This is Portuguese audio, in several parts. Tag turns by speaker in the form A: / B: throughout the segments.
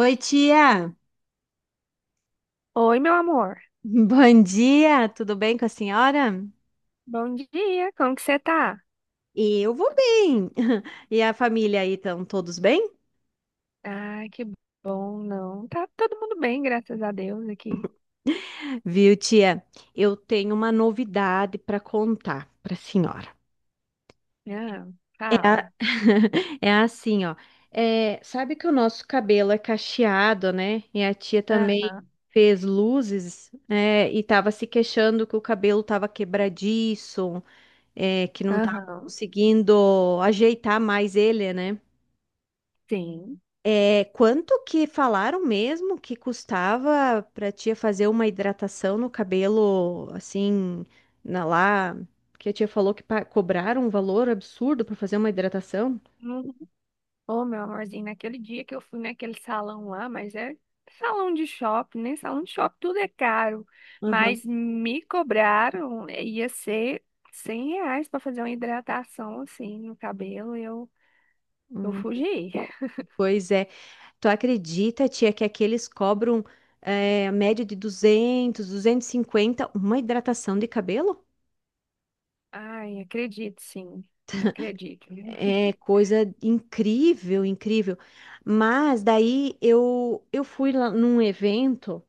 A: Oi, tia.
B: Oi, meu amor.
A: Bom dia. Tudo bem com a senhora?
B: Bom dia, como que você tá?
A: Eu vou bem. E a família aí estão todos bem?
B: Ai, que bom, não. Tá todo mundo bem, graças a Deus, aqui.
A: Viu, tia? Eu tenho uma novidade para contar para a senhora.
B: Ah,
A: É,
B: calma.
A: é assim, ó. É, sabe que o nosso cabelo é cacheado, né? E a tia também
B: Aham,
A: fez luzes, é, e tava se queixando que o cabelo tava quebradiço, é, que não tava
B: aham,
A: conseguindo ajeitar mais ele, né?
B: sim.
A: É, quanto que falaram mesmo que custava pra tia fazer uma hidratação no cabelo, assim, na lá, que a tia falou que cobraram um valor absurdo pra fazer uma hidratação?
B: Uhum. Ô, meu amorzinho, naquele dia que eu fui naquele salão lá, mas é salão de shopping, né? Salão de shopping tudo é caro.
A: Aham.
B: Mas me cobraram, ia ser R$ 100 pra fazer uma hidratação, assim, no cabelo, e eu
A: Hum,
B: fugi.
A: pois é. Tu acredita, tia, que aqueles cobram a média de 200, 250 uma hidratação de cabelo?
B: Ai, acredito, sim. Acredito.
A: É coisa incrível, incrível. Mas daí eu fui lá num evento.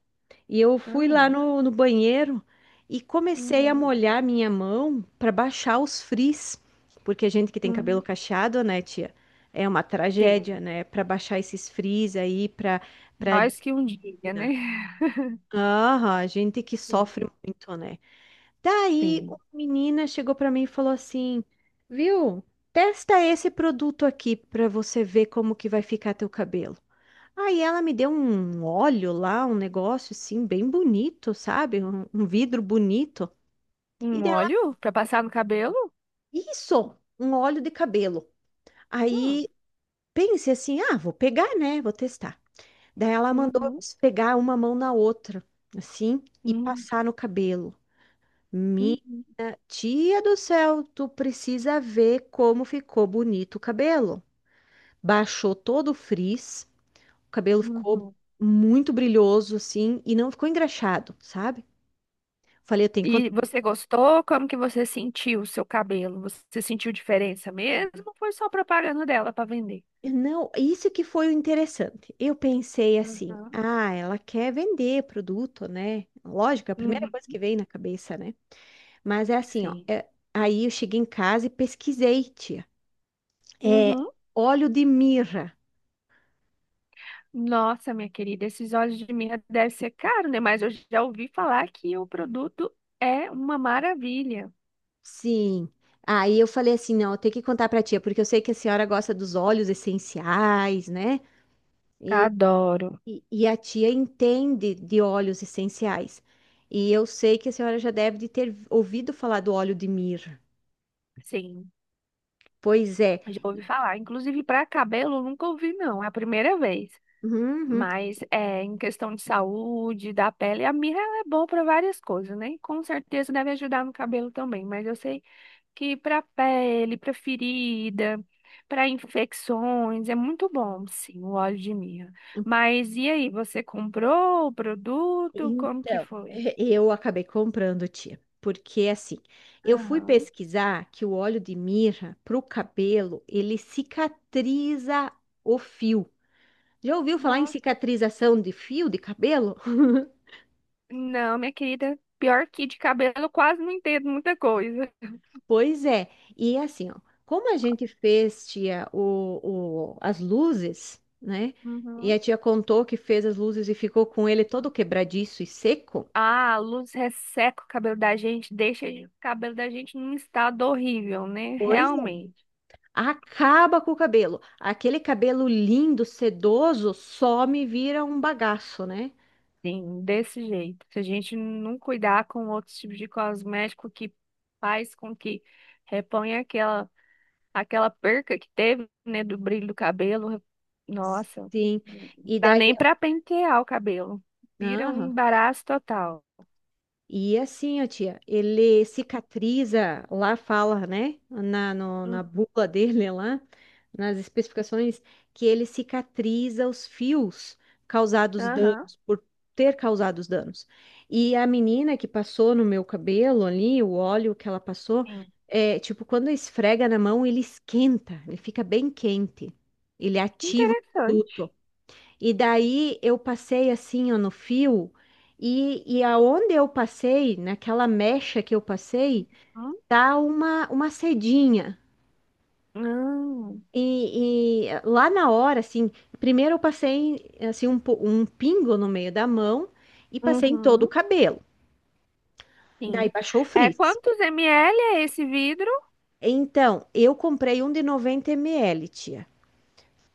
A: E eu fui
B: Ah,
A: lá no banheiro e comecei a
B: uhum,
A: molhar minha mão para baixar os frizz, porque a gente que tem cabelo
B: hum,
A: cacheado, né, tia, é uma
B: sim.
A: tragédia, né, para baixar esses frizz aí para.
B: Nós que um dia, né?
A: Aham, a gente que sofre
B: Sim.
A: muito, né? Daí uma
B: Sim.
A: menina chegou para mim e falou assim: "Viu? Testa esse produto aqui para você ver como que vai ficar teu cabelo". Aí ela me deu um óleo lá, um negócio assim, bem bonito, sabe? Um vidro bonito. E
B: Um
A: dela,
B: óleo para passar no cabelo?
A: isso, um óleo de cabelo.
B: Hum,
A: Aí pensei assim, ah, vou pegar, né? Vou testar. Daí ela mandou eu
B: uhum,
A: pegar uma mão na outra, assim, e
B: hum,
A: passar no cabelo. Minha
B: uhum,
A: tia do céu, tu precisa ver como ficou bonito o cabelo. Baixou todo o frizz, o cabelo ficou
B: uhum.
A: muito brilhoso, assim, e não ficou engraxado, sabe? Falei, eu tenho que.
B: E você gostou? Como que você sentiu o seu cabelo? Você sentiu diferença mesmo? Ou foi só propaganda dela para vender?
A: Não, isso que foi o interessante. Eu pensei assim,
B: Uhum.
A: ah, ela quer vender produto, né? Lógico, é a primeira
B: Uhum,
A: coisa que veio na cabeça, né? Mas é assim, ó.
B: sim.
A: Aí eu cheguei em casa e pesquisei, tia. É
B: Uhum.
A: óleo de mirra.
B: Nossa, minha querida, esses óleos de mirra devem ser caros, né? Mas eu já ouvi falar que o produto é uma maravilha.
A: Sim. Aí eu falei assim, não, eu tenho que contar pra tia, porque eu sei que a senhora gosta dos óleos essenciais, né? E,
B: Adoro.
A: e a tia entende de óleos essenciais. E eu sei que a senhora já deve de ter ouvido falar do óleo de mirra.
B: Sim,
A: Pois é.
B: já ouvi falar. Inclusive, para cabelo, eu nunca ouvi, não. É a primeira vez.
A: Uhum.
B: Mas é, em questão de saúde, da pele, a mirra ela é boa para várias coisas, né? Com certeza deve ajudar no cabelo também. Mas eu sei que para pele, para ferida, para infecções, é muito bom, sim, o óleo de mirra. Mas e aí, você comprou o produto? Como que
A: Então,
B: foi?
A: eu acabei comprando, tia. Porque assim, eu fui
B: Aham.
A: pesquisar que o óleo de mirra para o cabelo, ele cicatriza o fio. Já ouviu falar em
B: Nossa.
A: cicatrização de fio de cabelo?
B: Não, minha querida, pior que de cabelo, eu quase não entendo muita coisa.
A: Pois é. E assim, ó, como a gente fez, tia, as luzes, né? E
B: Uhum.
A: a tia contou que fez as luzes e ficou com ele todo quebradiço e seco.
B: Ah, a luz resseca o cabelo da gente, deixa o cabelo da gente num estado horrível, né?
A: Pois
B: Realmente.
A: acaba com o cabelo. Aquele cabelo lindo, sedoso, só me vira um bagaço, né?
B: Sim, desse jeito. Se a gente não cuidar com outros tipos de cosmético que faz com que reponha aquela perca que teve, né, do brilho do cabelo, nossa,
A: Sim.
B: não
A: E
B: dá
A: daí.
B: nem pra pentear o cabelo. Vira um
A: Aham.
B: embaraço total.
A: E assim, ó, tia, ele cicatriza, lá fala, né, na, no- na
B: Hum,
A: bula dele lá, nas especificações, que ele cicatriza os fios causados
B: Aham.
A: danos, por ter causado os danos. E a menina que passou no meu cabelo ali, o óleo que ela passou,
B: Sim.
A: é, tipo, quando esfrega na mão, ele esquenta, ele fica bem quente, ele ativa o produto.
B: Interessante.
A: E daí eu passei assim, ó, no fio, e aonde eu passei, naquela mecha que eu passei,
B: Hum.
A: tá uma, sedinha.
B: Hum.
A: E lá na hora, assim, primeiro eu passei assim um pingo no meio da mão e passei em todo o
B: Uhum.
A: cabelo. Daí
B: Sim.
A: baixou o
B: É,
A: frizz.
B: quantos ml é esse vidro?
A: Então, eu comprei um de 90 ml, tia.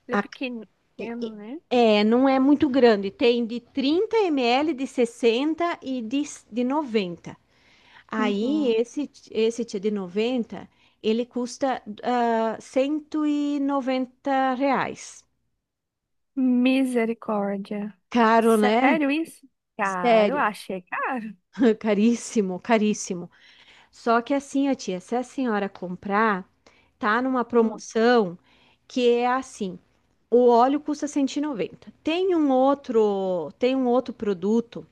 B: Ele é pequeno, pequeno, né?
A: É, não é muito grande, tem de 30 ml, de 60 e de 90. Aí,
B: Uhum.
A: esse tia de 90 ele custa R$ 190.
B: Misericórdia.
A: Caro, né?
B: Sério isso? Caro,
A: Sério,
B: achei caro.
A: caríssimo, caríssimo. Só que assim, ó, tia, se a senhora comprar, tá numa
B: Hum,
A: promoção que é assim, o óleo custa 190. Tem um outro produto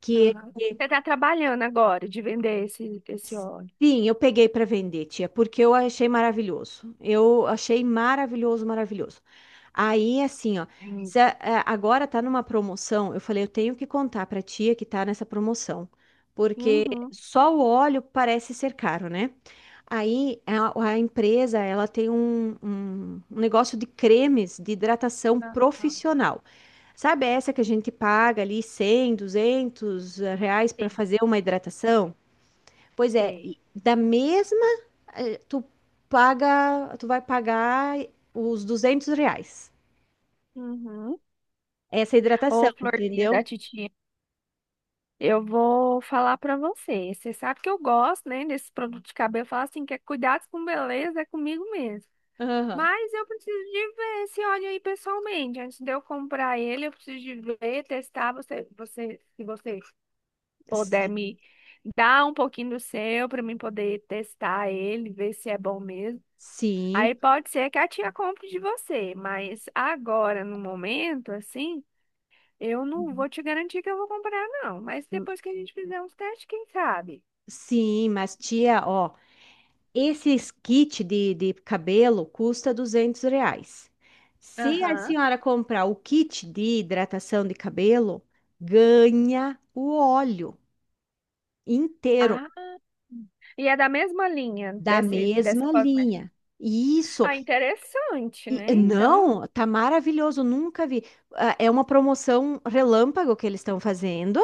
A: que...
B: aham. Você tá trabalhando agora de vender esse óleo.
A: Sim, eu peguei para vender, tia, porque eu achei maravilhoso. Eu achei maravilhoso, maravilhoso. Aí, assim, ó, se
B: Entendi.
A: agora tá numa promoção, eu falei, eu tenho que contar para tia que tá nessa promoção, porque
B: Uhum,
A: só o óleo parece ser caro, né? Aí a empresa, ela tem um negócio de cremes de hidratação
B: aham.
A: profissional. Sabe essa que a gente paga ali 100, R$ 200 para
B: Sim,
A: fazer uma hidratação? Pois é, e
B: sei.
A: da mesma, eh, tu tu vai pagar os R$ 200.
B: Uhum.
A: Essa hidratação,
B: Ô, florzinha
A: entendeu?
B: da titia, eu vou falar pra você. Você sabe que eu gosto, né, desse produto de cabelo. Eu falo assim, que é cuidado com beleza, é comigo mesmo.
A: Aham.
B: Mas eu preciso de ver esse óleo aí pessoalmente. Antes de eu comprar ele, eu preciso de ver, testar. Se você puder
A: Si-
B: me dar um pouquinho do seu para mim poder testar ele, ver se é bom mesmo.
A: Sim.
B: Aí pode ser que a tia compre de você, mas agora, no momento, assim, eu não vou te garantir que eu vou comprar, não. Mas
A: Uhum.
B: depois que a gente fizer uns testes, quem sabe?
A: Sim, mas tia, ó, esses kit de cabelo custa R$ 200. Se a
B: Aham.
A: senhora comprar o kit de hidratação de cabelo, ganha o óleo inteiro
B: Ah, e é da mesma linha
A: da
B: desse, dessa
A: mesma
B: cosmética.
A: linha. E isso...
B: Ah, interessante, né? Então,
A: Não, tá maravilhoso, nunca vi. Ah, é uma promoção relâmpago que eles estão fazendo.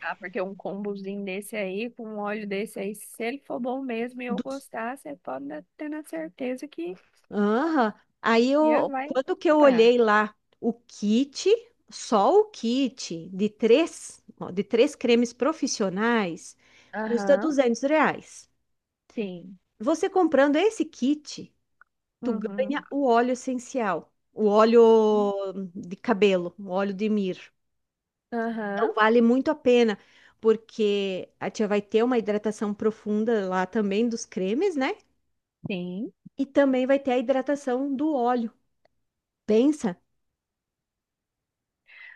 B: ah, porque um combozinho desse aí, com um óleo desse aí, se ele for bom mesmo e eu
A: Dos-
B: gostar, você pode ter na certeza que
A: Aham. Aí
B: já
A: eu,
B: vai
A: quando que eu
B: comprar.
A: olhei lá o kit, só o kit de três, ó, de três cremes profissionais, custa
B: Aham,
A: 200 reais.
B: sim.
A: Você comprando esse kit, tu
B: Uhum.
A: ganha o óleo essencial, o óleo de cabelo, o óleo de mir.
B: Aham,
A: Então, vale muito a pena, porque a tia vai ter uma hidratação profunda lá também dos cremes, né?
B: sim.
A: E também vai ter a hidratação do óleo. Pensa?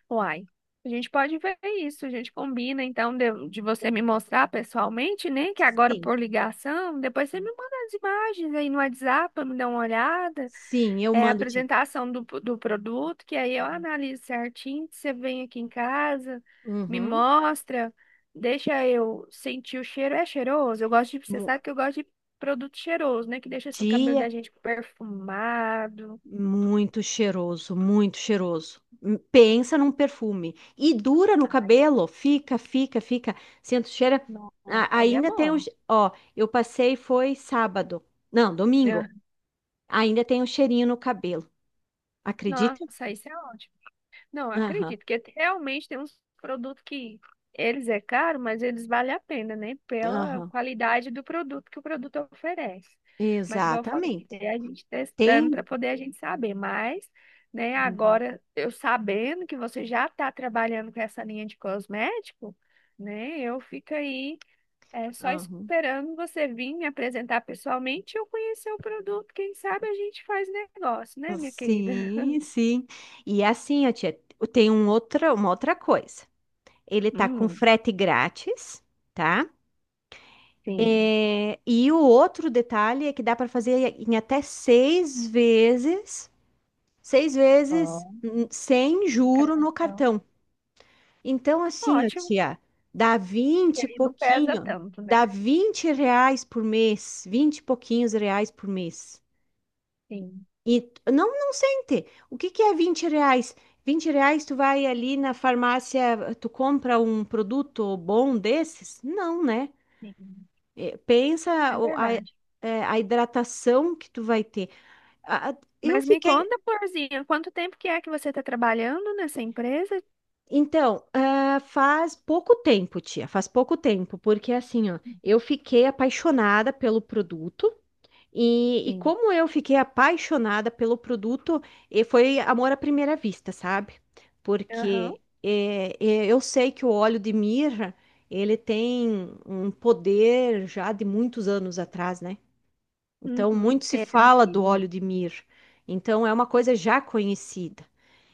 B: Uai, a gente pode ver isso, a gente combina, então, de você me mostrar pessoalmente, né? Que agora
A: Sim,
B: por ligação, depois você me manda as imagens aí no WhatsApp pra me dar uma olhada.
A: sim, eu
B: É a
A: mando, tia.
B: apresentação do produto, que aí eu analiso certinho. Você vem aqui em casa, me
A: Uhum.
B: mostra, deixa eu sentir o cheiro. É cheiroso? Eu gosto de, você
A: Mu-
B: sabe que eu gosto de produto cheiroso, né? Que deixa assim, o cabelo
A: Tia,
B: da gente perfumado.
A: muito cheiroso, muito cheiroso. Pensa num perfume. E dura no
B: Ai,
A: cabelo, fica, fica, fica. Sento cheira.
B: nossa. Aí é
A: Ainda tem
B: bom.
A: um. Ó, eu passei foi sábado. Não, domingo.
B: É.
A: Ainda tem um cheirinho no cabelo. Acredita?
B: Nossa, isso é ótimo. Não,
A: Aham,
B: acredito que realmente tem uns produtos que eles é caro, mas eles valem a pena, né? Pela
A: aham,
B: qualidade do produto que o produto oferece. Mas igual eu falei,
A: exatamente.
B: é a gente testando
A: Tem.
B: para poder a gente saber. Mas, né,
A: Uhum,
B: agora eu sabendo que você já está trabalhando com essa linha de cosmético, né? Eu fico aí é, só
A: aham.
B: esperando você vir me apresentar pessoalmente e eu conhecer o produto. Quem sabe a gente faz negócio, né, minha querida?
A: Sim, sim. E assim, ó, tia, tem um outra, uma outra coisa. Ele tá com
B: Hum,
A: frete grátis, tá?
B: sim.
A: É, e o outro detalhe é que dá para fazer em até seis vezes sem
B: No
A: juro no
B: cartão.
A: cartão. Então, assim, ó,
B: Ótimo,
A: tia, dá
B: que
A: 20 e
B: aí não pesa
A: pouquinho,
B: tanto, né?
A: dá R$ 20 por mês, 20 e pouquinhos reais por mês.
B: Sim,
A: E não, não sente. O que que é R$ 20? Vinte reais tu vai ali na farmácia, tu compra um produto bom desses? Não, né?
B: sim,
A: É, pensa
B: é
A: é,
B: verdade.
A: a hidratação que tu vai ter. A- a- eu
B: Mas me
A: fiquei.
B: conta, Florzinha, quanto tempo que é que você está trabalhando nessa empresa?
A: Então, ah, faz pouco tempo, tia, faz pouco tempo, porque assim, ó, eu
B: Uhum,
A: fiquei apaixonada pelo produto e,
B: sim.
A: como eu fiquei apaixonada pelo produto, foi amor à primeira vista, sabe?
B: Aham.
A: Porque eu sei que o óleo de mirra, ele tem um poder já de muitos anos atrás, né? Então,
B: Uhum.
A: muito se
B: É
A: fala do
B: antigo.
A: óleo de mir. Então, é uma coisa já conhecida.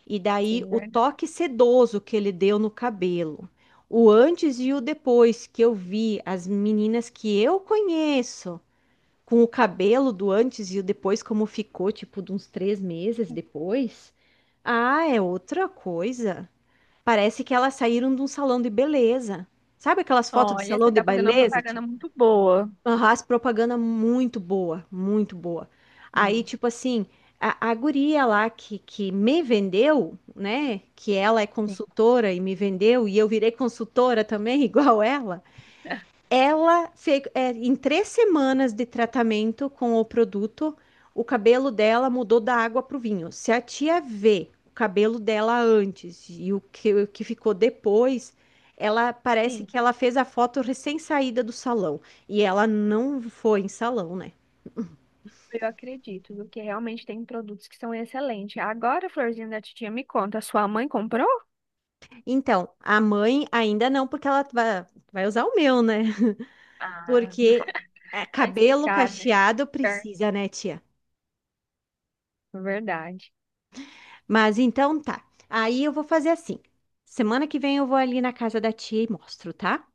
A: E daí
B: Sim,
A: o
B: verdade.
A: toque sedoso que ele deu no cabelo. O antes e o depois que eu vi as meninas que eu conheço com o cabelo do antes e o depois, como ficou, tipo, de uns 3 meses depois. Ah, é outra coisa. Parece que elas saíram de um salão de beleza. Sabe aquelas fotos de
B: Olha, você
A: salão de
B: está fazendo uma
A: beleza?
B: propaganda muito boa.
A: Aham, as propaganda muito boa, muito boa. Aí,
B: Hum,
A: tipo assim, a guria lá que me vendeu, né? Que ela é
B: Sim.
A: consultora e me vendeu, e eu virei consultora também, igual ela. Ela fez, é, em 3 semanas de tratamento com o produto, o cabelo dela mudou da água para o vinho. Se a tia vê o cabelo dela antes e o que ficou depois, ela parece
B: Sim,
A: que ela fez a foto recém-saída do salão. E ela não foi em salão, né?
B: eu acredito, porque realmente tem produtos que são excelentes. Agora, Florzinha da Titia, me conta, sua mãe comprou?
A: Então, a mãe ainda não, porque ela vai usar o meu, né?
B: Ah,
A: Porque é,
B: tá
A: cabelo
B: explicado, né?
A: cacheado
B: Ver-
A: precisa, né, tia?
B: Verdade.
A: Mas então tá. Aí eu vou fazer assim. Semana que vem eu vou ali na casa da tia e mostro, tá?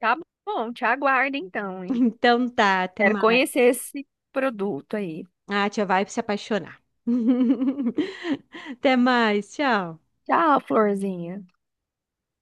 B: Tá bom, te aguardo então, hein?
A: Então tá, até
B: Quero
A: mais.
B: conhecer esse produto aí.
A: Ah, a tia vai se apaixonar. Até mais, tchau.
B: Tchau, florzinha.